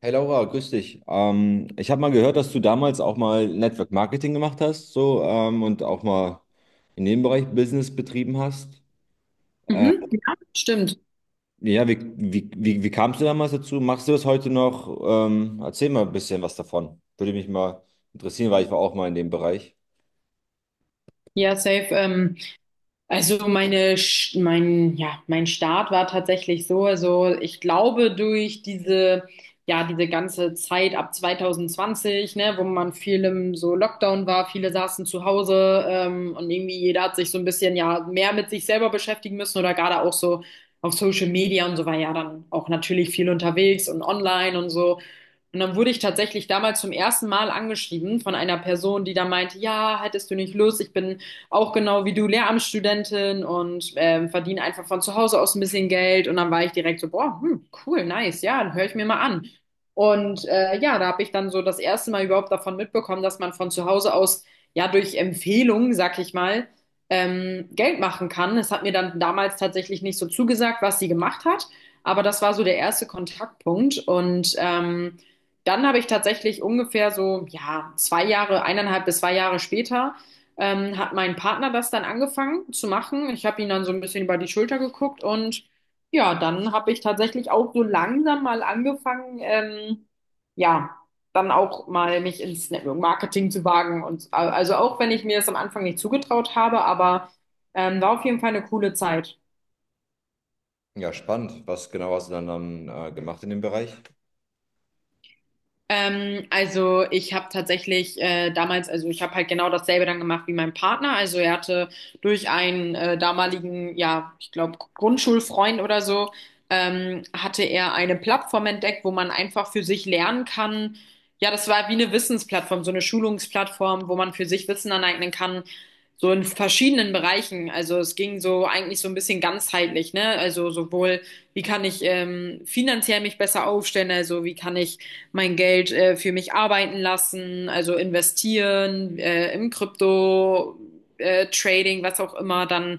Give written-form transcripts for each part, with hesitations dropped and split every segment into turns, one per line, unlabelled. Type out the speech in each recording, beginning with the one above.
Hey Laura, grüß dich. Ich habe mal gehört, dass du damals auch mal Network Marketing gemacht hast, so und auch mal in dem Bereich Business betrieben hast. Äh,
Mhm. Ja, stimmt.
ja, wie kamst du damals dazu? Machst du das heute noch? Erzähl mal ein bisschen was davon. Würde mich mal interessieren, weil ich war auch mal in dem Bereich.
Ja, safe. Also meine, Sch- mein, ja, mein Start war tatsächlich so. Also ich glaube durch diese ganze Zeit ab 2020, ne, wo man viel im so Lockdown war, viele saßen zu Hause, und irgendwie jeder hat sich so ein bisschen ja mehr mit sich selber beschäftigen müssen oder gerade auch so auf Social Media und so war ja dann auch natürlich viel unterwegs und online und so. Und dann wurde ich tatsächlich damals zum ersten Mal angeschrieben von einer Person, die da meinte, ja, hättest du nicht Lust, ich bin auch genau wie du Lehramtsstudentin und verdiene einfach von zu Hause aus ein bisschen Geld. Und dann war ich direkt so, boah, hm, cool, nice, ja, dann höre ich mir mal an. Und ja, da habe ich dann so das erste Mal überhaupt davon mitbekommen, dass man von zu Hause aus, ja, durch Empfehlungen, sag ich mal, Geld machen kann. Es hat mir dann damals tatsächlich nicht so zugesagt, was sie gemacht hat. Aber das war so der erste Kontaktpunkt. Dann habe ich tatsächlich ungefähr so, ja, zwei Jahre, eineinhalb bis zwei Jahre später, hat mein Partner das dann angefangen zu machen. Ich habe ihn dann so ein bisschen über die Schulter geguckt und ja, dann habe ich tatsächlich auch so langsam mal angefangen, ja, dann auch mal mich ins Network Marketing zu wagen. Und also auch wenn ich mir das am Anfang nicht zugetraut habe, aber war auf jeden Fall eine coole Zeit.
Ja, spannend. Was genau hast du dann gemacht in dem Bereich?
Also ich habe tatsächlich damals, also ich habe halt genau dasselbe dann gemacht wie mein Partner. Also er hatte durch einen damaligen, ja, ich glaube, Grundschulfreund oder so, hatte er eine Plattform entdeckt, wo man einfach für sich lernen kann. Ja, das war wie eine Wissensplattform, so eine Schulungsplattform, wo man für sich Wissen aneignen kann so in verschiedenen Bereichen. Also es ging so eigentlich so ein bisschen ganzheitlich, ne? Also sowohl, wie kann ich finanziell mich besser aufstellen, also wie kann ich mein Geld für mich arbeiten lassen, also investieren im Krypto, Trading, was auch immer, dann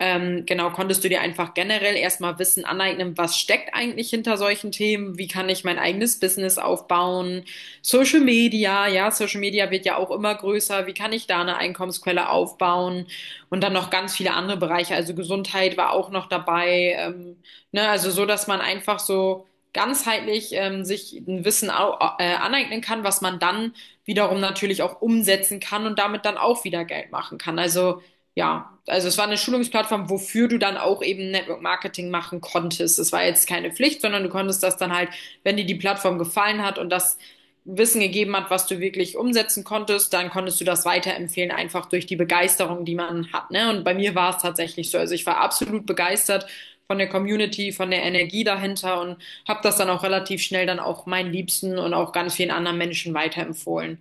genau, konntest du dir einfach generell erstmal Wissen aneignen, was steckt eigentlich hinter solchen Themen, wie kann ich mein eigenes Business aufbauen, Social Media, ja, Social Media wird ja auch immer größer. Wie kann ich da eine Einkommensquelle aufbauen? Und dann noch ganz viele andere Bereiche. Also Gesundheit war auch noch dabei. Ne? Also so, dass man einfach so ganzheitlich sich ein Wissen au aneignen kann, was man dann wiederum natürlich auch umsetzen kann und damit dann auch wieder Geld machen kann. Also ja, also es war eine Schulungsplattform, wofür du dann auch eben Network Marketing machen konntest. Es war jetzt keine Pflicht, sondern du konntest das dann halt, wenn dir die Plattform gefallen hat und das Wissen gegeben hat, was du wirklich umsetzen konntest, dann konntest du das weiterempfehlen, einfach durch die Begeisterung, die man hat. Ne? Und bei mir war es tatsächlich so. Also ich war absolut begeistert von der Community, von der Energie dahinter und habe das dann auch relativ schnell dann auch meinen Liebsten und auch ganz vielen anderen Menschen weiterempfohlen.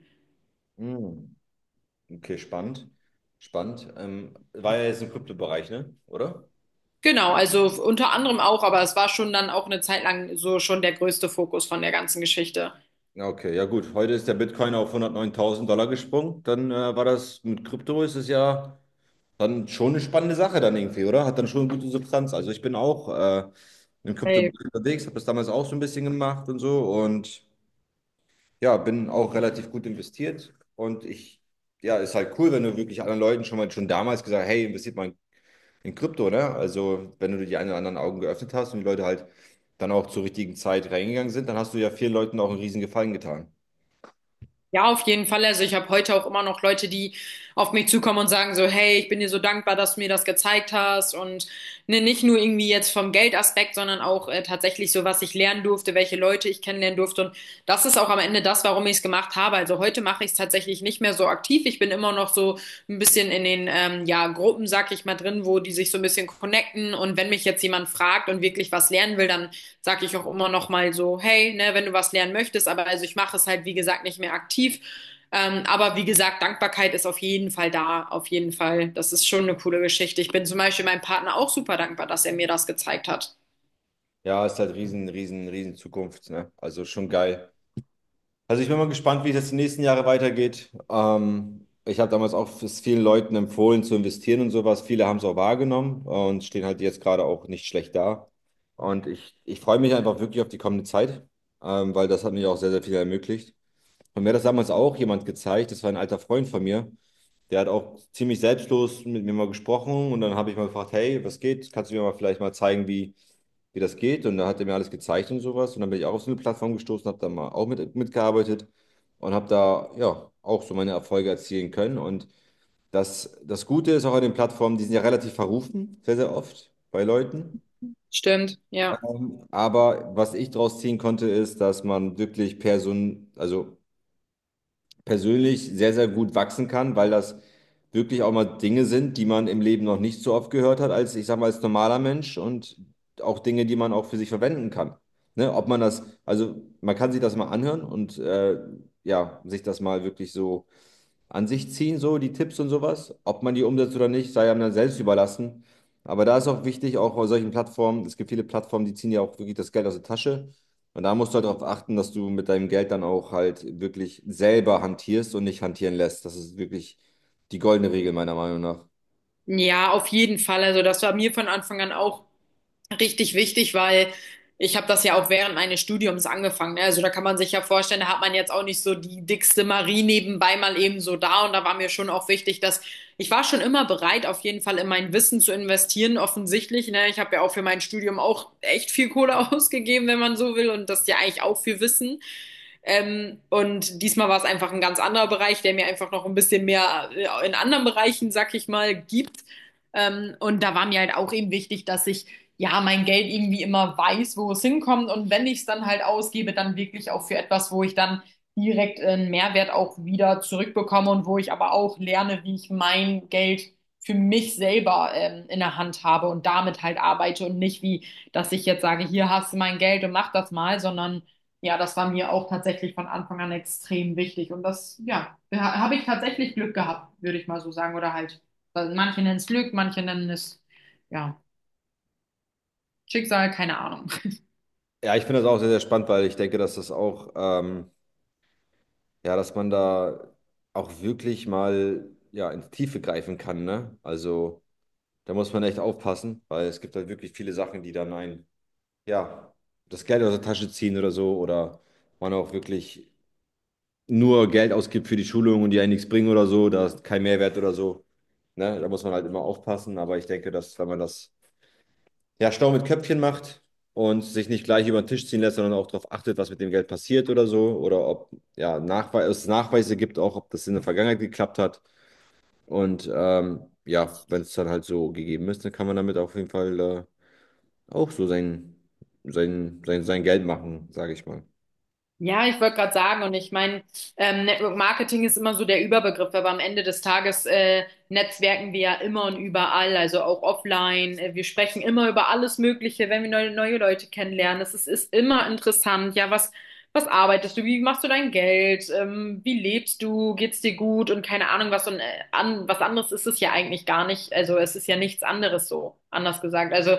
Hm, okay, spannend. Spannend. War ja jetzt im Kryptobereich, ne? Oder?
Genau, also unter anderem auch, aber es war schon dann auch eine Zeit lang so schon der größte Fokus von der ganzen Geschichte.
Ja, okay, ja gut. Heute ist der Bitcoin auf 109.000 Dollar gesprungen. Dann war das mit Krypto, ist es ja dann schon eine spannende Sache dann irgendwie, oder? Hat dann schon eine gute Substanz. Also ich bin auch im Krypto
Hey,
unterwegs, habe das damals auch so ein bisschen gemacht und so und ja, bin auch relativ gut investiert. Und ja, ist halt cool, wenn du wirklich anderen Leuten schon mal schon damals gesagt, hey, investiert mal in Krypto, ne? Also wenn du die einen oder anderen Augen geöffnet hast und die Leute halt dann auch zur richtigen Zeit reingegangen sind, dann hast du ja vielen Leuten auch einen riesen Gefallen getan.
ja, auf jeden Fall. Also ich habe heute auch immer noch Leute, die auf mich zukommen und sagen so, hey, ich bin dir so dankbar, dass du mir das gezeigt hast. Und ne, nicht nur irgendwie jetzt vom Geldaspekt, sondern auch tatsächlich so, was ich lernen durfte, welche Leute ich kennenlernen durfte. Und das ist auch am Ende das, warum ich es gemacht habe. Also heute mache ich es tatsächlich nicht mehr so aktiv. Ich bin immer noch so ein bisschen in den ja, Gruppen, sag ich mal, drin, wo die sich so ein bisschen connecten. Und wenn mich jetzt jemand fragt und wirklich was lernen will, dann sag ich auch immer noch mal so, hey, ne, wenn du was lernen möchtest, aber also ich mache es halt, wie gesagt, nicht mehr aktiv. Aber wie gesagt, Dankbarkeit ist auf jeden Fall da, auf jeden Fall. Das ist schon eine coole Geschichte. Ich bin zum Beispiel meinem Partner auch super dankbar, dass er mir das gezeigt hat.
Ja, ist halt riesen, riesen, riesen Zukunft, ne? Also schon geil. Also ich bin mal gespannt, wie es jetzt die nächsten Jahre weitergeht. Ich habe damals auch es vielen Leuten empfohlen zu investieren und sowas. Viele haben es auch wahrgenommen und stehen halt jetzt gerade auch nicht schlecht da. Und ich freue mich einfach wirklich auf die kommende Zeit, weil das hat mir auch sehr, sehr viel ermöglicht. Und mir hat das damals auch jemand gezeigt, das war ein alter Freund von mir, der hat auch ziemlich selbstlos mit mir mal gesprochen und dann habe ich mal gefragt, hey, was geht? Kannst du mir mal vielleicht mal zeigen, wie das geht. Und da hat er mir alles gezeigt und sowas. Und dann bin ich auch auf so eine Plattform gestoßen, habe da mal auch mitgearbeitet und habe da ja auch so meine Erfolge erzielen können. Und das Gute ist auch an den Plattformen, die sind ja relativ verrufen, sehr, sehr oft bei Leuten.
Stimmt, ja.
Aber was ich daraus ziehen konnte, ist, dass man wirklich also persönlich sehr, sehr gut wachsen kann, weil das wirklich auch mal Dinge sind, die man im Leben noch nicht so oft gehört hat, als ich sag mal, als normaler Mensch und auch Dinge, die man auch für sich verwenden kann. Ne? Ob man das, also man kann sich das mal anhören und ja, sich das mal wirklich so an sich ziehen, so die Tipps und sowas. Ob man die umsetzt oder nicht, sei einem dann selbst überlassen. Aber da ist auch wichtig, auch bei solchen Plattformen, es gibt viele Plattformen, die ziehen ja auch wirklich das Geld aus der Tasche. Und da musst du halt darauf achten, dass du mit deinem Geld dann auch halt wirklich selber hantierst und nicht hantieren lässt. Das ist wirklich die goldene Regel meiner Meinung nach.
Ja, auf jeden Fall. Also das war mir von Anfang an auch richtig wichtig, weil ich habe das ja auch während meines Studiums angefangen. Ne? Also da kann man sich ja vorstellen, da hat man jetzt auch nicht so die dickste Marie nebenbei mal eben so da. Und da war mir schon auch wichtig, dass ich war schon immer bereit, auf jeden Fall in mein Wissen zu investieren, offensichtlich. Ne? Ich habe ja auch für mein Studium auch echt viel Kohle ausgegeben, wenn man so will. Und das ist ja eigentlich auch viel Wissen. Und diesmal war es einfach ein ganz anderer Bereich, der mir einfach noch ein bisschen mehr in anderen Bereichen, sag ich mal, gibt. Und da war mir halt auch eben wichtig, dass ich ja, mein Geld irgendwie immer weiß, wo es hinkommt. Und wenn ich es dann halt ausgebe, dann wirklich auch für etwas, wo ich dann direkt einen Mehrwert auch wieder zurückbekomme und wo ich aber auch lerne, wie ich mein Geld für mich selber in der Hand habe und damit halt arbeite und nicht wie, dass ich jetzt sage, hier hast du mein Geld und mach das mal, sondern ja, das war mir auch tatsächlich von Anfang an extrem wichtig und das, ja, habe ich tatsächlich Glück gehabt, würde ich mal so sagen oder halt, manche nennen es Glück, manche nennen es, ja. Schicksal, keine Ahnung.
Ja, ich finde das auch sehr, sehr spannend, weil ich denke, dass das auch, ja, dass man da auch wirklich mal, ja, ins Tiefe greifen kann, ne? Also, da muss man echt aufpassen, weil es gibt halt wirklich viele Sachen, die dann einen ja, das Geld aus der Tasche ziehen oder so oder man auch wirklich nur Geld ausgibt für die Schulung und die einen nichts bringen oder so, da ist kein Mehrwert oder so. Ne? Da muss man halt immer aufpassen, aber ich denke, dass wenn man das ja schlau mit Köpfchen macht und sich nicht gleich über den Tisch ziehen lässt, sondern auch darauf achtet, was mit dem Geld passiert oder so oder ob ja, es Nachweise gibt, auch ob das in der Vergangenheit geklappt hat und ja, wenn es dann halt so gegeben ist, dann kann man damit auf jeden Fall auch so sein Geld machen, sage ich mal.
Ja, ich wollte gerade sagen, und ich meine, Network Marketing ist immer so der Überbegriff, aber am Ende des Tages netzwerken wir ja immer und überall, also auch offline. Wir sprechen immer über alles Mögliche, wenn wir neue Leute kennenlernen. Ist immer interessant. Was arbeitest du? Wie machst du dein Geld? Wie lebst du? Geht's dir gut? Und keine Ahnung, was, was anderes ist es ja eigentlich gar nicht. Also es ist ja nichts anderes so, anders gesagt. Also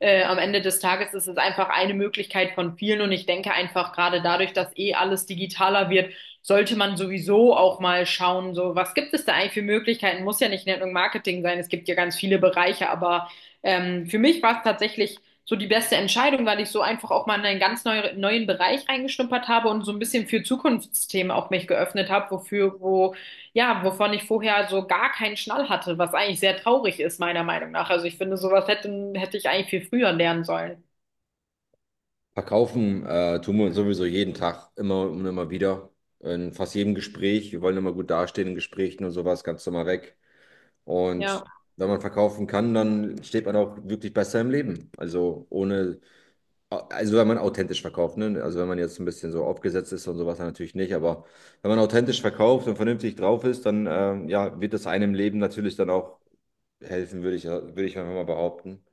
am Ende des Tages ist es einfach eine Möglichkeit von vielen und ich denke einfach gerade dadurch, dass eh alles digitaler wird, sollte man sowieso auch mal schauen, so was gibt es da eigentlich für Möglichkeiten? Muss ja nicht Network Marketing sein, es gibt ja ganz viele Bereiche, aber für mich war es tatsächlich so die beste Entscheidung, weil ich so einfach auch mal in einen ganz neuen Bereich reingeschnuppert habe und so ein bisschen für Zukunftsthemen auch mich geöffnet habe, wo ja, wovon ich vorher so gar keinen Schnall hatte, was eigentlich sehr traurig ist, meiner Meinung nach. Also ich finde, sowas hätte ich eigentlich viel früher lernen sollen.
Verkaufen tun wir sowieso jeden Tag, immer und immer wieder. In fast jedem Gespräch. Wir wollen immer gut dastehen in Gesprächen und sowas, ganz normal weg. Und
Ja.
wenn man verkaufen kann, dann steht man auch wirklich besser im Leben. Also ohne, also wenn man authentisch verkauft, ne? Also wenn man jetzt ein bisschen so aufgesetzt ist und sowas, dann natürlich nicht. Aber wenn man authentisch verkauft und vernünftig drauf ist, dann ja, wird das einem im Leben natürlich dann auch helfen, würde ich einfach mal behaupten.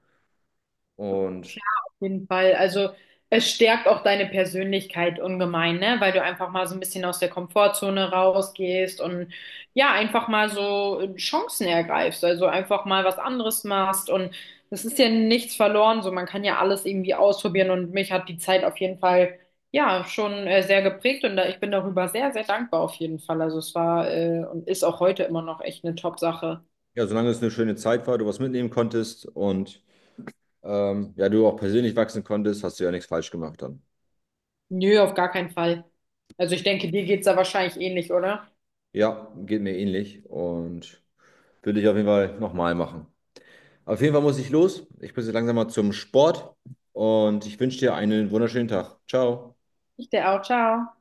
Und
Jeden Fall. Also es stärkt auch deine Persönlichkeit ungemein, ne? Weil du einfach mal so ein bisschen aus der Komfortzone rausgehst und ja, einfach mal so Chancen ergreifst, also einfach mal was anderes machst und das ist ja nichts verloren, so man kann ja alles irgendwie ausprobieren und mich hat die Zeit auf jeden Fall ja schon sehr geprägt und da, ich bin darüber sehr, sehr dankbar auf jeden Fall. Also es war und ist auch heute immer noch echt eine Top-Sache.
ja, solange es eine schöne Zeit war, du was mitnehmen konntest und ja, du auch persönlich wachsen konntest, hast du ja nichts falsch gemacht dann.
Nö, auf gar keinen Fall. Also ich denke, dir geht's da wahrscheinlich ähnlich, oder?
Ja, geht mir ähnlich und würde ich auf jeden Fall nochmal machen. Auf jeden Fall muss ich los. Ich muss jetzt langsam mal zum Sport und ich wünsche dir einen wunderschönen Tag. Ciao.
Ich dir auch. Ciao.